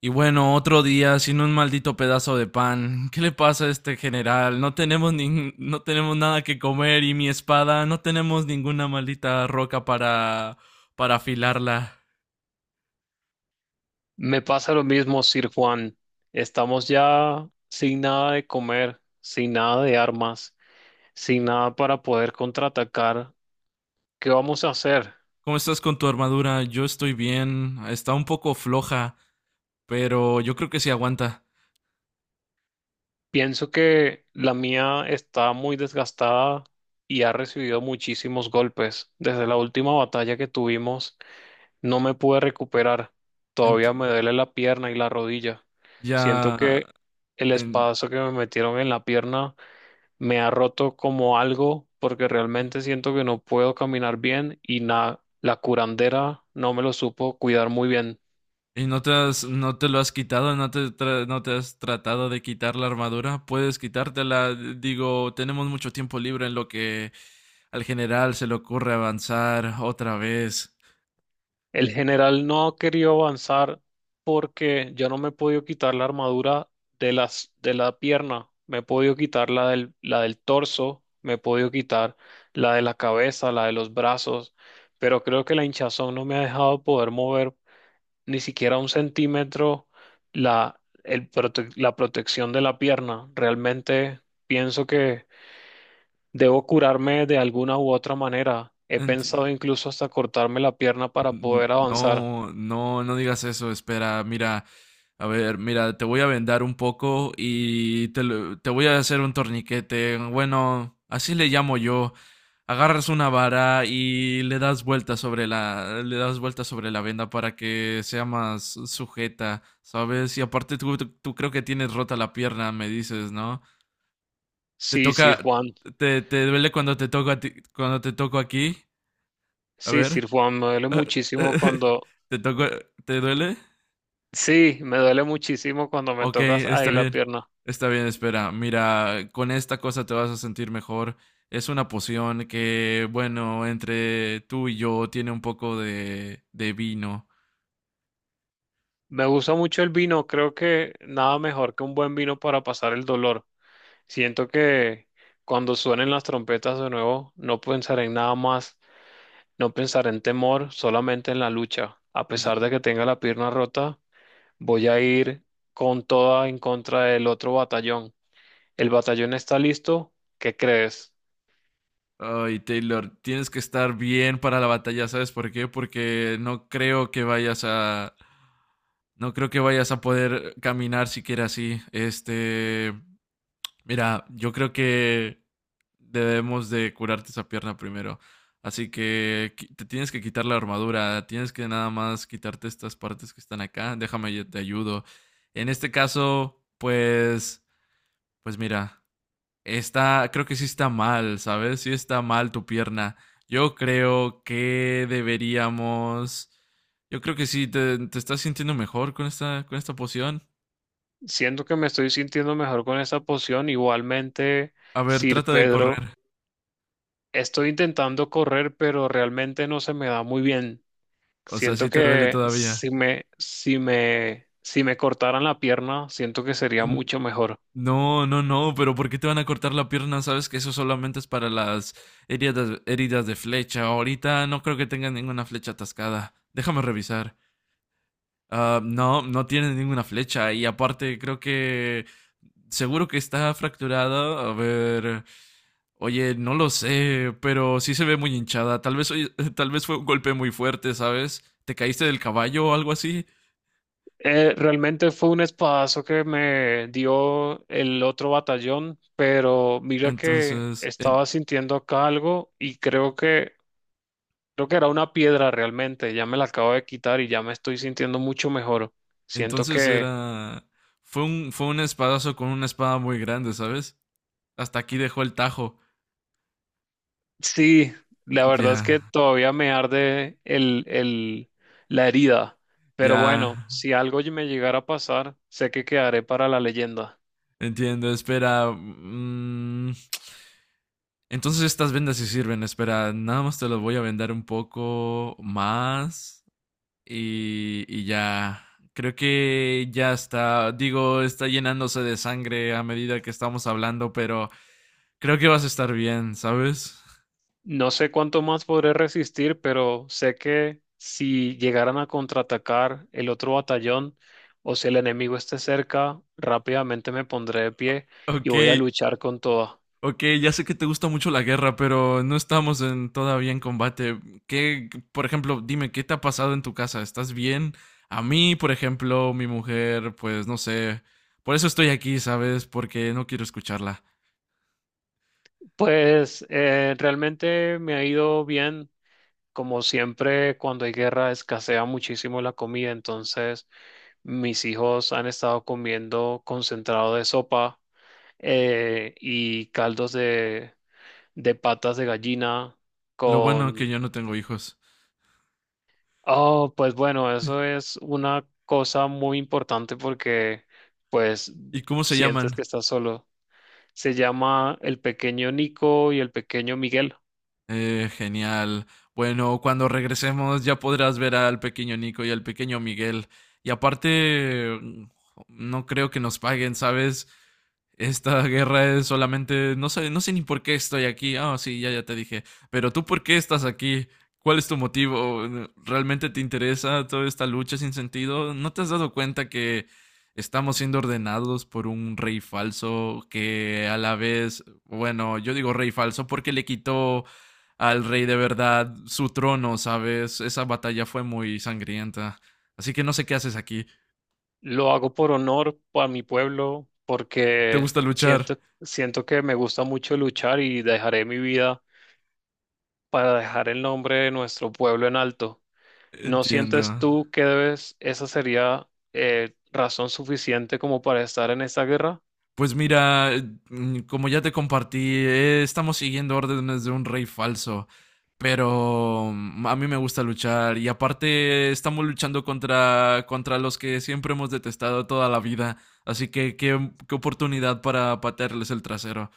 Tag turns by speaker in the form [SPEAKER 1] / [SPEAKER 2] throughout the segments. [SPEAKER 1] Y bueno, otro día sin un maldito pedazo de pan. ¿Qué le pasa a este general? No tenemos no tenemos nada que comer y mi espada, no tenemos ninguna maldita roca para afilarla.
[SPEAKER 2] Me pasa lo mismo, Sir Juan. Estamos ya sin nada de comer, sin nada de armas, sin nada para poder contraatacar. ¿Qué vamos a hacer?
[SPEAKER 1] ¿Cómo estás con tu armadura? Yo estoy bien. Está un poco floja, pero yo creo que sí aguanta.
[SPEAKER 2] Pienso que la mía está muy desgastada y ha recibido muchísimos golpes. Desde la última batalla que tuvimos, no me pude recuperar. Todavía
[SPEAKER 1] Enti-
[SPEAKER 2] me duele la pierna y la rodilla. Siento
[SPEAKER 1] ya
[SPEAKER 2] que el
[SPEAKER 1] en-
[SPEAKER 2] espadazo que me metieron en la pierna me ha roto como algo porque realmente siento que no puedo caminar bien y la curandera no me lo supo cuidar muy bien.
[SPEAKER 1] ¿Y no te lo has quitado? ¿No te has tratado de quitar la armadura? Puedes quitártela. Digo, tenemos mucho tiempo libre en lo que al general se le ocurre avanzar otra vez.
[SPEAKER 2] El general no ha querido avanzar porque yo no me he podido quitar la armadura de la pierna, me he podido quitar la del torso, me he podido quitar la de la cabeza, la de los brazos, pero creo que la hinchazón no me ha dejado poder mover ni siquiera un centímetro la protección de la pierna. Realmente pienso que debo curarme de alguna u otra manera. He
[SPEAKER 1] Enti-
[SPEAKER 2] pensado incluso hasta cortarme la pierna para poder avanzar.
[SPEAKER 1] No, no, no digas eso, espera, mira, a ver, mira, te voy a vendar un poco y te voy a hacer un torniquete, bueno, así le llamo yo. Agarras una vara y le das vueltas sobre le das vueltas sobre la venda para que sea más sujeta, ¿sabes? Y aparte tú creo que tienes rota la pierna, me dices, ¿no? Te
[SPEAKER 2] Sí, Sir
[SPEAKER 1] toca,
[SPEAKER 2] Juan.
[SPEAKER 1] te duele cuando te toco a ti- cuando te toco aquí, a
[SPEAKER 2] Sí,
[SPEAKER 1] ver.
[SPEAKER 2] Sir Juan, me duele
[SPEAKER 1] Ah,
[SPEAKER 2] muchísimo
[SPEAKER 1] eh,
[SPEAKER 2] cuando...
[SPEAKER 1] ¿Te tocó? ¿Te duele?
[SPEAKER 2] Sí, me duele muchísimo cuando me
[SPEAKER 1] Ok,
[SPEAKER 2] tocas
[SPEAKER 1] está
[SPEAKER 2] ahí la
[SPEAKER 1] bien.
[SPEAKER 2] pierna.
[SPEAKER 1] Está bien, espera. Mira, con esta cosa te vas a sentir mejor. Es una poción que, bueno, entre tú y yo tiene un poco de vino.
[SPEAKER 2] Me gusta mucho el vino, creo que nada mejor que un buen vino para pasar el dolor. Siento que cuando suenen las trompetas de nuevo, no pensaré en nada más, no pensaré en temor, solamente en la lucha. A pesar
[SPEAKER 1] Y-
[SPEAKER 2] de que tenga la pierna rota, voy a ir con toda en contra del otro batallón. ¿El batallón está listo? ¿Qué crees?
[SPEAKER 1] Ay, Taylor, tienes que estar bien para la batalla, ¿sabes por qué? Porque no creo que vayas a... No creo que vayas a poder caminar siquiera así. Este... Mira, yo creo que... debemos de curarte esa pierna primero. Así que te tienes que quitar la armadura, tienes que nada más quitarte estas partes que están acá. Déjame, yo te ayudo. En este caso, pues, pues mira, está, creo que sí está mal, ¿sabes? Sí está mal tu pierna. Yo creo que deberíamos, yo creo que sí, te estás sintiendo mejor con esta poción.
[SPEAKER 2] Siento que me estoy sintiendo mejor con esa poción. Igualmente,
[SPEAKER 1] A ver,
[SPEAKER 2] Sir
[SPEAKER 1] trata de correr.
[SPEAKER 2] Pedro, estoy intentando correr, pero realmente no se me da muy bien.
[SPEAKER 1] O sea, sí
[SPEAKER 2] Siento
[SPEAKER 1] te duele
[SPEAKER 2] que
[SPEAKER 1] todavía.
[SPEAKER 2] si me cortaran la pierna, siento que sería mucho mejor.
[SPEAKER 1] No, no, no, pero ¿por qué te van a cortar la pierna? Sabes que eso solamente es para las heridas, heridas de flecha. Ahorita no creo que tengan ninguna flecha atascada. Déjame revisar. Ah, no, no tiene ninguna flecha. Y aparte, creo que seguro que está fracturada. A ver. Oye, no lo sé, pero sí se ve muy hinchada. Tal vez, oye, tal vez fue un golpe muy fuerte, ¿sabes? ¿Te caíste del caballo o algo así?
[SPEAKER 2] Realmente fue un espadazo que me dio el otro batallón, pero mira que
[SPEAKER 1] Entonces, en-
[SPEAKER 2] estaba sintiendo acá algo y creo que era una piedra realmente. Ya me la acabo de quitar y ya me estoy sintiendo mucho mejor. Siento
[SPEAKER 1] Entonces
[SPEAKER 2] que
[SPEAKER 1] era. Fue un espadazo con una espada muy grande, ¿sabes? Hasta aquí dejó el tajo.
[SPEAKER 2] sí, la verdad es
[SPEAKER 1] Ya,
[SPEAKER 2] que todavía me arde la herida, pero
[SPEAKER 1] ya.
[SPEAKER 2] bueno, si algo me llegara a pasar, sé que quedaré para la leyenda.
[SPEAKER 1] Entiendo, espera. Entonces estas vendas sí sirven, espera. Nada más te las voy a vender un poco más. Y ya. Creo que ya está. Digo, está llenándose de sangre a medida que estamos hablando, pero creo que vas a estar bien, ¿sabes?
[SPEAKER 2] No sé cuánto más podré resistir, pero sé que si llegaran a contraatacar el otro batallón o si el enemigo esté cerca, rápidamente me pondré de pie y
[SPEAKER 1] Ok,
[SPEAKER 2] voy a luchar con todo.
[SPEAKER 1] Ok, ya sé que te gusta mucho la guerra, pero no estamos todavía en combate. ¿Qué, por ejemplo, dime, qué te ha pasado en tu casa? ¿Estás bien? A mí, por ejemplo, mi mujer, pues no sé. Por eso estoy aquí, ¿sabes? Porque no quiero escucharla.
[SPEAKER 2] Pues realmente me ha ido bien. Como siempre, cuando hay guerra escasea muchísimo la comida, entonces mis hijos han estado comiendo concentrado de sopa y caldos de patas de gallina
[SPEAKER 1] Lo bueno que
[SPEAKER 2] con...
[SPEAKER 1] yo no tengo hijos.
[SPEAKER 2] Oh, pues bueno, eso es una cosa muy importante porque pues
[SPEAKER 1] ¿Y cómo se
[SPEAKER 2] sientes
[SPEAKER 1] llaman?
[SPEAKER 2] que estás solo. Se llama el pequeño Nico y el pequeño Miguel.
[SPEAKER 1] Genial. Bueno, cuando regresemos ya podrás ver al pequeño Nico y al pequeño Miguel. Y aparte, no creo que nos paguen, ¿sabes? Esta guerra es solamente... No sé, no sé ni por qué estoy aquí. Ah, sí, ya, ya te dije. Pero tú, ¿por qué estás aquí? ¿Cuál es tu motivo? ¿Realmente te interesa toda esta lucha sin sentido? ¿No te has dado cuenta que estamos siendo ordenados por un rey falso que a la vez, bueno, yo digo rey falso porque le quitó al rey de verdad su trono, ¿sabes? Esa batalla fue muy sangrienta. Así que no sé qué haces aquí.
[SPEAKER 2] Lo hago por honor a mi pueblo,
[SPEAKER 1] ¿Te
[SPEAKER 2] porque
[SPEAKER 1] gusta luchar?
[SPEAKER 2] siento, siento que me gusta mucho luchar y dejaré mi vida para dejar el nombre de nuestro pueblo en alto. ¿No sientes
[SPEAKER 1] Entiendo.
[SPEAKER 2] tú que debes, esa sería razón suficiente como para estar en esta guerra?
[SPEAKER 1] Pues mira, como ya te compartí, estamos siguiendo órdenes de un rey falso. Pero a mí me gusta luchar y aparte estamos luchando contra los que siempre hemos detestado toda la vida. Así que qué oportunidad para patearles el trasero.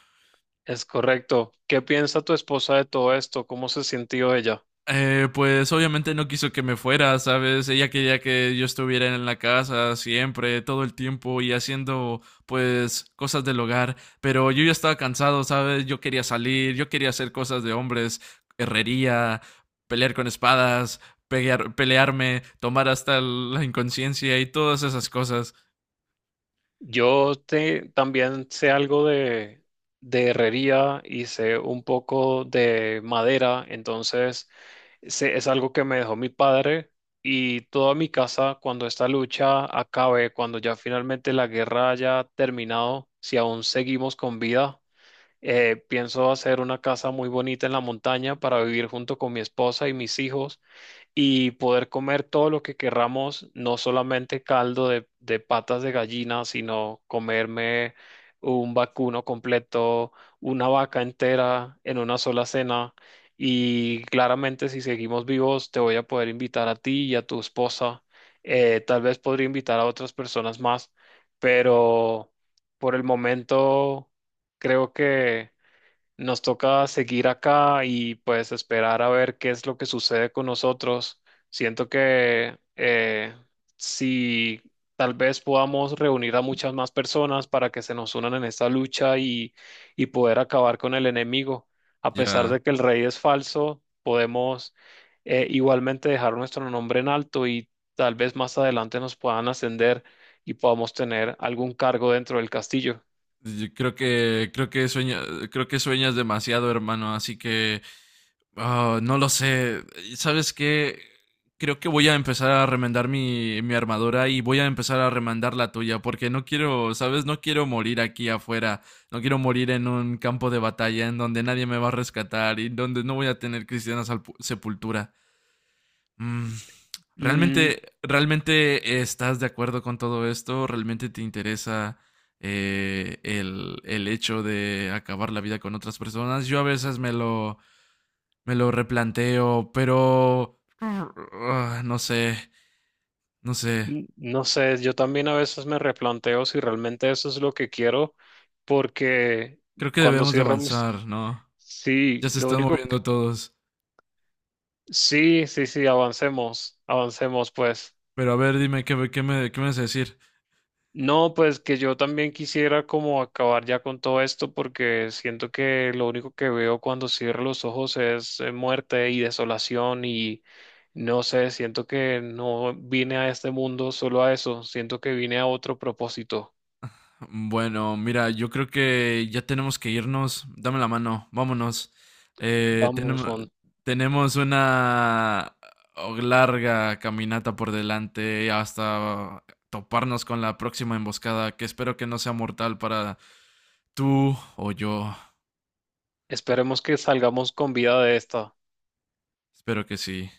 [SPEAKER 2] Es correcto. ¿Qué piensa tu esposa de todo esto? ¿Cómo se sintió ella?
[SPEAKER 1] Pues obviamente no quiso que me fuera, ¿sabes? Ella quería que yo estuviera en la casa siempre, todo el tiempo y haciendo pues cosas del hogar, pero yo ya estaba cansado, ¿sabes? Yo quería salir, yo quería hacer cosas de hombres, herrería, pelear con espadas, pelearme, tomar hasta la inconsciencia y todas esas cosas.
[SPEAKER 2] También sé algo de herrería y sé un poco de madera, entonces es algo que me dejó mi padre y toda mi casa cuando esta lucha acabe, cuando ya finalmente la guerra haya terminado, si aún seguimos con vida, pienso hacer una casa muy bonita en la montaña para vivir junto con mi esposa y mis hijos y poder comer todo lo que querramos, no solamente caldo de patas de gallina, sino comerme un vacuno completo, una vaca entera en una sola cena. Y claramente si seguimos vivos, te voy a poder invitar a ti y a tu esposa. Tal vez podría invitar a otras personas más, pero por el momento creo que... Nos toca seguir acá y pues esperar a ver qué es lo que sucede con nosotros. Siento que si tal vez podamos reunir a muchas más personas para que se nos unan en esta lucha y poder acabar con el enemigo. A pesar
[SPEAKER 1] Ya,
[SPEAKER 2] de que el rey es falso, podemos igualmente dejar nuestro nombre en alto y tal vez más adelante nos puedan ascender y podamos tener algún cargo dentro del castillo.
[SPEAKER 1] yo creo que creo que sueñas demasiado, hermano, así que Ah, no lo sé. ¿Sabes qué? Creo que voy a empezar a remendar mi armadura y voy a empezar a remendar la tuya, porque no quiero, ¿sabes? No quiero morir aquí afuera. No quiero morir en un campo de batalla en donde nadie me va a rescatar y donde no voy a tener cristiana sepultura. Mm,
[SPEAKER 2] Mm,
[SPEAKER 1] ¿Realmente, realmente estás de acuerdo con todo esto? ¿Realmente te interesa el hecho de acabar la vida con otras personas? Yo a veces me lo replanteo, pero... ah, no sé, no sé.
[SPEAKER 2] No sé, yo también a veces me replanteo si realmente eso es lo que quiero, porque
[SPEAKER 1] Creo que
[SPEAKER 2] cuando
[SPEAKER 1] debemos de
[SPEAKER 2] cierro mis...
[SPEAKER 1] avanzar, ¿no? Ya
[SPEAKER 2] Sí,
[SPEAKER 1] se
[SPEAKER 2] lo
[SPEAKER 1] están
[SPEAKER 2] único...
[SPEAKER 1] moviendo todos.
[SPEAKER 2] Sí, sí, sí, avancemos, avancemos, pues.
[SPEAKER 1] Pero a ver, dime, ¿qué me vas a decir?
[SPEAKER 2] No, pues que yo también quisiera como acabar ya con todo esto, porque siento que lo único que veo cuando cierro los ojos es muerte y desolación y no sé, siento que no vine a este mundo solo a eso, siento que vine a otro propósito.
[SPEAKER 1] Bueno, mira, yo creo que ya tenemos que irnos. Dame la mano, vámonos. Eh,
[SPEAKER 2] Vamos,
[SPEAKER 1] tenemos,
[SPEAKER 2] Juan.
[SPEAKER 1] tenemos una larga caminata por delante hasta toparnos con la próxima emboscada, que espero que no sea mortal para tú o yo.
[SPEAKER 2] Esperemos que salgamos con vida de esta.
[SPEAKER 1] Espero que sí.